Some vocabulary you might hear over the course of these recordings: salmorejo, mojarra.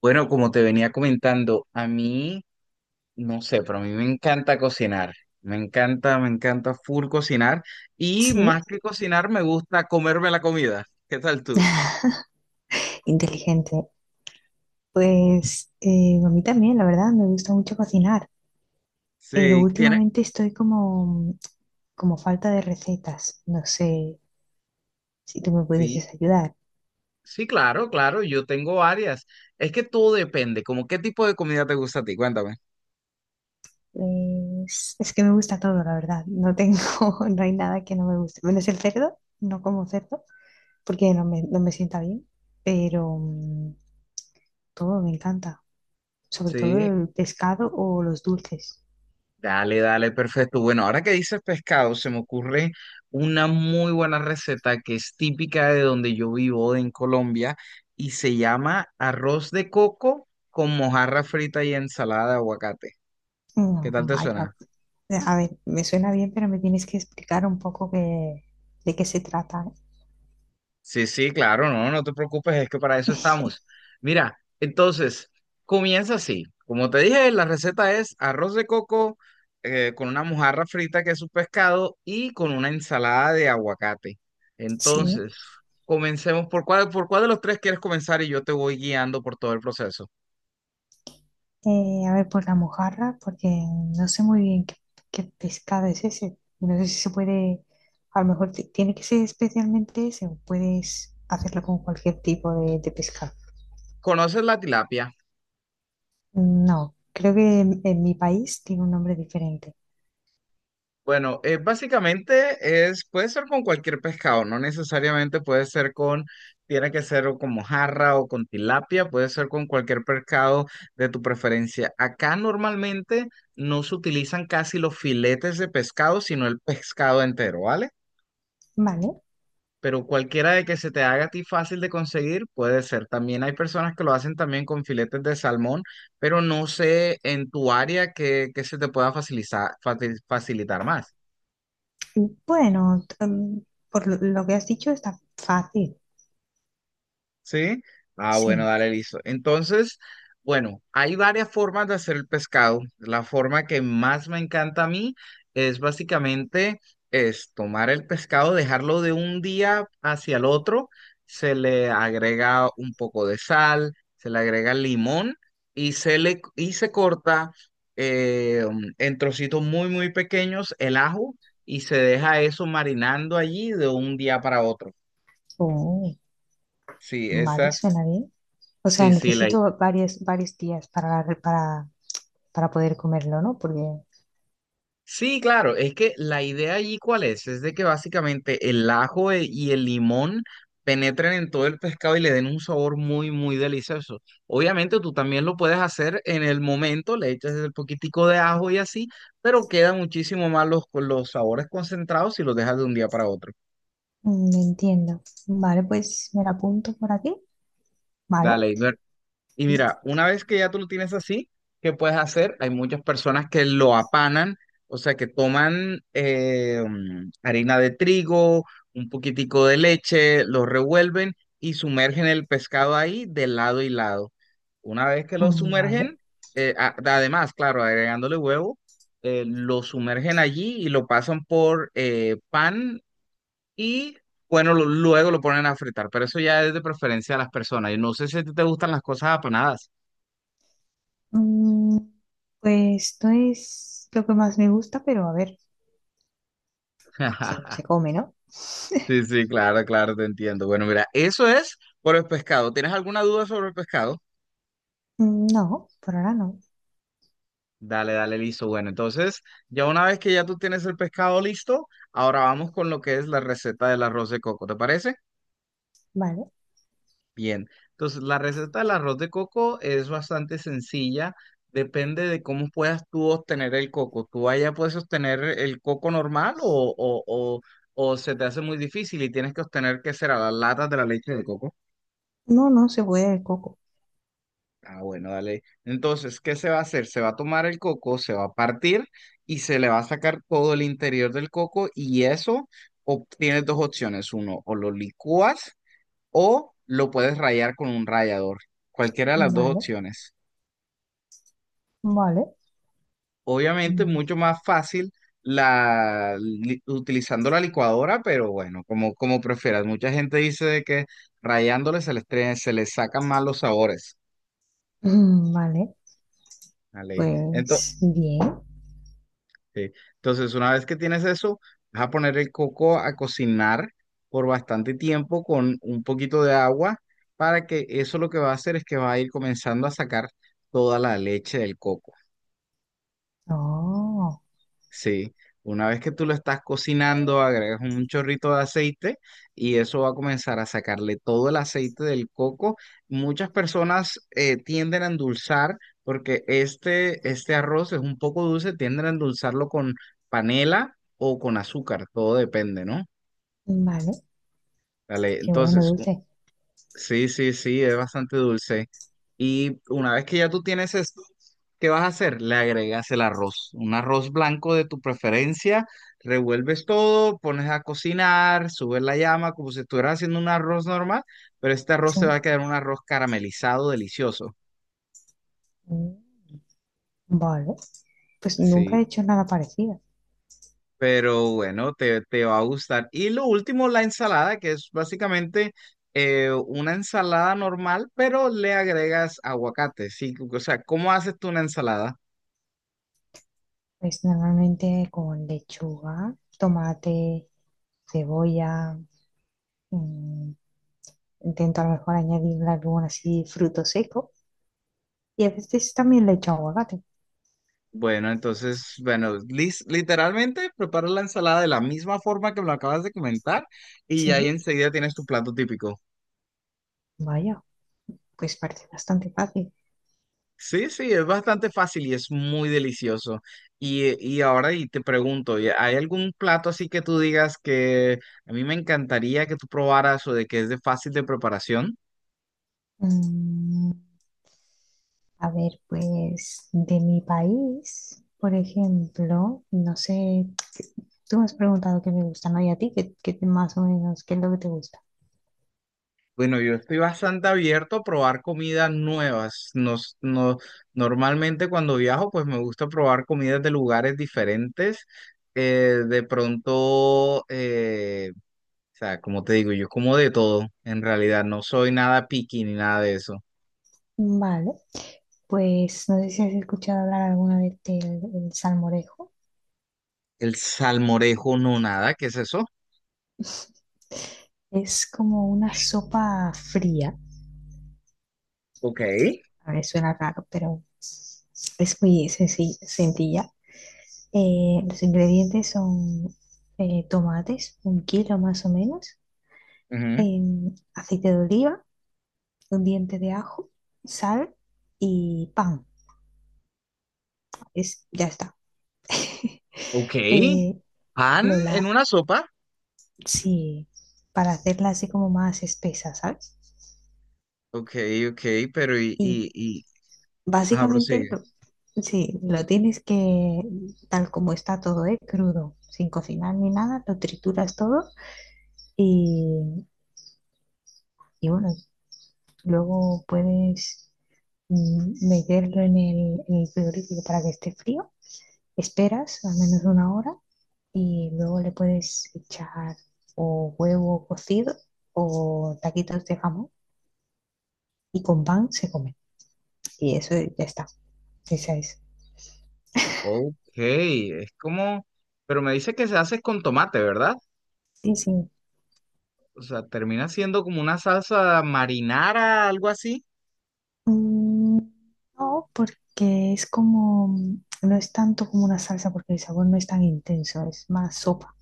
Bueno, como te venía comentando, a mí, no sé, pero a mí me encanta cocinar. Me encanta full cocinar. Y Sí, más que cocinar, me gusta comerme la comida. ¿Qué tal tú? inteligente. Pues a mí también, la verdad, me gusta mucho cocinar, pero Sí, tiene, últimamente estoy como falta de recetas. No sé si tú me sí, pudieses ayudar. sí, claro, claro, yo tengo varias. Es que todo depende, como qué tipo de comida te gusta a ti, cuéntame. Es que me gusta todo, la verdad. No tengo, no hay nada que no me guste. Menos el cerdo, no como cerdo, porque no me sienta bien, pero todo me encanta, sobre todo Sí. el pescado o los dulces. Dale, dale, perfecto. Bueno, ahora que dices pescado, se me ocurre una muy buena receta que es típica de donde yo vivo, en Colombia, y se llama arroz de coco con mojarra frita y ensalada de aguacate. ¿Qué No, tal te vaya, suena? A ver, me suena bien, pero me tienes que explicar un poco de qué se trata. Sí, sí, claro, no, no te preocupes, es que para eso estamos. Mira, entonces, comienza así. Como te dije, la receta es arroz de coco con una mojarra frita que es un pescado y con una ensalada de aguacate. Sí. Entonces, comencemos por cuál de los tres quieres comenzar y yo te voy guiando por todo el proceso. A ver, por la mojarra, porque no sé muy bien qué pescado es ese. No sé si se puede, a lo mejor tiene que ser especialmente ese, o puedes hacerlo con cualquier tipo de pescado. ¿Conoces la tilapia? No, creo que en mi país tiene un nombre diferente. Bueno, básicamente es, puede ser con cualquier pescado, no necesariamente puede ser con, tiene que ser o con mojarra o con tilapia, puede ser con cualquier pescado de tu preferencia. Acá normalmente no se utilizan casi los filetes de pescado, sino el pescado entero, ¿vale? Vale, Pero cualquiera de que se te haga a ti fácil de conseguir puede ser. También hay personas que lo hacen también con filetes de salmón, pero no sé en tu área que se te pueda facilitar, facilitar más. bueno, por lo que has dicho está fácil, ¿Sí? Ah, bueno, sí. dale, listo. Entonces, bueno, hay varias formas de hacer el pescado. La forma que más me encanta a mí es básicamente es tomar el pescado, dejarlo de un día hacia el otro, se le agrega un poco de sal, se le agrega limón y se le y se corta eh, en trocitos muy, muy pequeños el ajo y se deja eso marinando allí de un día para otro. Oh. Sí, Vale, esa, suena bien. O sea, sí, sí, la necesito varios días para para, poder comerlo, ¿no? Porque sí, claro, es que la idea allí cuál es de que básicamente y el limón penetren en todo el pescado y le den un sabor muy, muy delicioso. Obviamente tú también lo puedes hacer en el momento, le echas el poquitico de ajo y así, pero quedan muchísimo más los sabores concentrados si los dejas de un día para otro. Entiendo. Vale, pues me la apunto por aquí. Vale, Dale, y mira, una vez que ya tú lo tienes así, ¿qué puedes hacer? Hay muchas personas que lo apanan, o sea, que toman harina de trigo, un poquitico de leche, lo revuelven y sumergen el pescado ahí de lado y lado. Una vez que lo vale. sumergen, a- además, claro, agregándole huevo, lo sumergen allí y lo pasan por pan y, bueno, luego lo ponen a fritar, pero eso ya es de preferencia de las personas. Y no sé si a ti te gustan las cosas apanadas. Mm, pues esto es lo que más me gusta, pero a ver, se come, ¿no? Sí, sí, claro, claro, te entiendo. Bueno, mira, eso es por el pescado. ¿Tienes alguna duda sobre el pescado? No, por ahora no. Dale, dale, listo. Bueno, entonces, ya una vez que ya tú tienes el pescado listo, ahora vamos con lo que es la receta del arroz de coco, ¿te parece? Vale. Bien. Entonces, la receta del arroz de coco es bastante sencilla. Depende de cómo puedas tú obtener el coco. ¿Tú allá puedes obtener el coco normal o se te hace muy difícil y tienes que obtener, ¿qué será? Las latas de la leche de coco. No, no se puede el coco. Ah, bueno, dale. Entonces, ¿qué se va a hacer? Se va a tomar el coco, se va a partir y se le va a sacar todo el interior del coco y eso tienes dos opciones. Uno, o lo licúas o lo puedes rayar con un rallador. Cualquiera de las dos Vale, opciones. vale. Obviamente, Mm, mucho más fácil utilizando la licuadora, pero bueno, como, como prefieras. Mucha gente dice de que rayándole se les sacan más los sabores. Vale, Dale. Ento- pues bien. Sí. Entonces, una vez que tienes eso, vas a poner el coco a cocinar por bastante tiempo con un poquito de agua para que eso lo que va a hacer es que va a ir comenzando a sacar toda la leche del coco. Oh, Sí, una vez que tú lo estás cocinando, agregas un chorrito de aceite y eso va a comenzar a sacarle todo el aceite del coco. Muchas personas tienden a endulzar porque este arroz es un poco dulce, tienden a endulzarlo con panela o con azúcar, todo depende, ¿no? vale. Dale, Qué bueno, entonces, dulce. sí, sí, sí, es bastante dulce. Y una vez que ya tú tienes esto, ¿qué vas a hacer? Le agregas el arroz, un arroz blanco de tu preferencia, revuelves todo, pones a cocinar, subes la llama como si estuvieras haciendo un arroz normal, pero este arroz te va Sí. a quedar un arroz caramelizado, delicioso. Mm. Vale, pues nunca Sí, he hecho nada parecido. pero bueno, te va a gustar. Y lo último, la ensalada, que es básicamente una ensalada normal, pero le agregas aguacate, sí, o sea, ¿cómo haces tú una ensalada? Pues normalmente con lechuga, tomate, cebolla, mm, intento a lo mejor añadirle algún así fruto seco y a veces también le echo aguacate. Bueno, entonces, bueno, literalmente prepara la ensalada de la misma forma que me lo acabas de comentar y Sí, ahí enseguida tienes tu plato típico. vaya, pues parece bastante fácil. Sí, sí, es bastante fácil y es muy delicioso. Y ahora y te pregunto, ¿hay algún plato así que tú digas que a mí me encantaría que tú probaras o de que es de fácil de preparación? Mm, a ver, pues de mi país, por ejemplo, no sé, tú me has preguntado qué me gusta, ¿no? Y a ti, ¿qué más o menos, qué es lo que te gusta? Bueno, yo estoy bastante abierto a probar comidas nuevas. Nos, no, normalmente cuando viajo, pues me gusta probar comidas de lugares diferentes. Eh, de pronto, eh, o sea, como te digo, yo como de todo. En realidad, no soy nada picky ni nada de eso. Vale. Pues no sé si has escuchado hablar alguna vez del el salmorejo. El salmorejo, no nada. ¿Qué es eso? Es como una sopa fría. Ok. A ver, suena raro, pero es muy sencilla. Los ingredientes son tomates, un kilo más o menos, Ujú. Aceite de oliva, un diente de ajo, sal y pan. Es, ya está. Ok. Eh, ¿Pan Lola, en una sopa? sí, para hacerla así como más espesa, ¿sabes? Ok, ok, pero Y y... Ajá, Básicamente, prosigue. Sí, lo tienes que, tal como está todo, ¿eh? Crudo, sin cocinar ni nada, lo trituras todo y, y bueno, luego puedes meterlo en en el frigorífico para que esté frío. Esperas al menos una hora y luego le puedes echar o huevo cocido o taquitos de jamón y con pan se come. Y eso ya está. Esa es. Ok, es como, pero me dice que se hace con tomate, ¿verdad? Sí, sí. O sea, termina siendo como una salsa marinara, algo así. Mm, No, porque es como, no es tanto como una salsa porque el sabor no es tan intenso, es más sopa.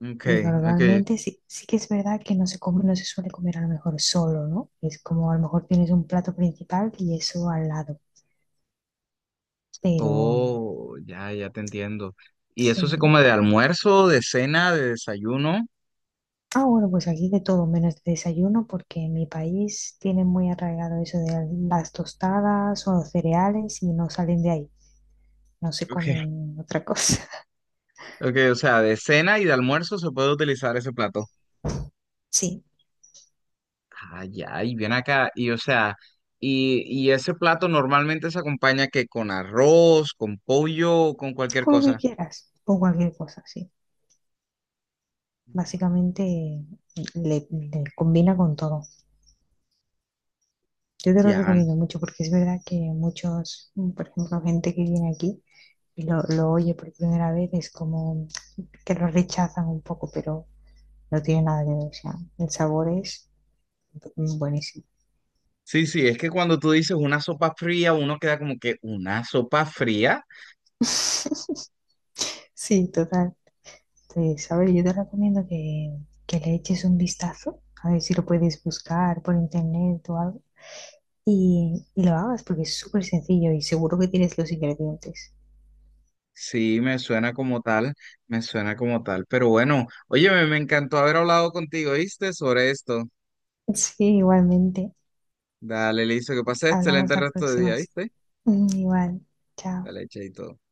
Ok, Y ok. normalmente sí, sí que es verdad que no se come, no se suele comer a lo mejor solo, ¿no? Es como a lo mejor tienes un plato principal y eso al lado. Pero Oh, ya, ya te entiendo. ¿Y sí. eso se ¿No? come de almuerzo, de cena, de desayuno? Ah, bueno, pues aquí de todo menos de desayuno porque en mi país tienen muy arraigado eso de las tostadas o los cereales y no salen de ahí, no se Ok. comen otra cosa. Ok, o sea, de cena y de almuerzo se puede utilizar ese plato. Sí. Ah, ya, y viene acá, y o sea, y ese plato normalmente se acompaña que con arroz, con pollo, o con cualquier Con lo cosa. que quieras o cualquier cosa, sí. Básicamente le combina con todo. Yo te lo Ya, recomiendo mucho porque es verdad que muchos, por ejemplo, gente que viene aquí y lo oye por primera vez es como que lo rechazan un poco, pero no tiene nada que ver. O sea, el sabor es buenísimo. sí, sí, es que cuando tú dices una sopa fría, uno queda como que una sopa fría. Sí, total. Entonces, a ver, yo te recomiendo que le eches un vistazo, a ver si lo puedes buscar por internet o algo y lo hagas porque es súper sencillo y seguro que tienes los ingredientes. Sí, me suena como tal, me suena como tal. Pero bueno, oye, me encantó haber hablado contigo, ¿viste? Sobre esto. Sí, igualmente. Dale, listo, que pases excelente Hablamos el la resto de próxima. día, ¿viste? Igual. Chao. Dale, chaito.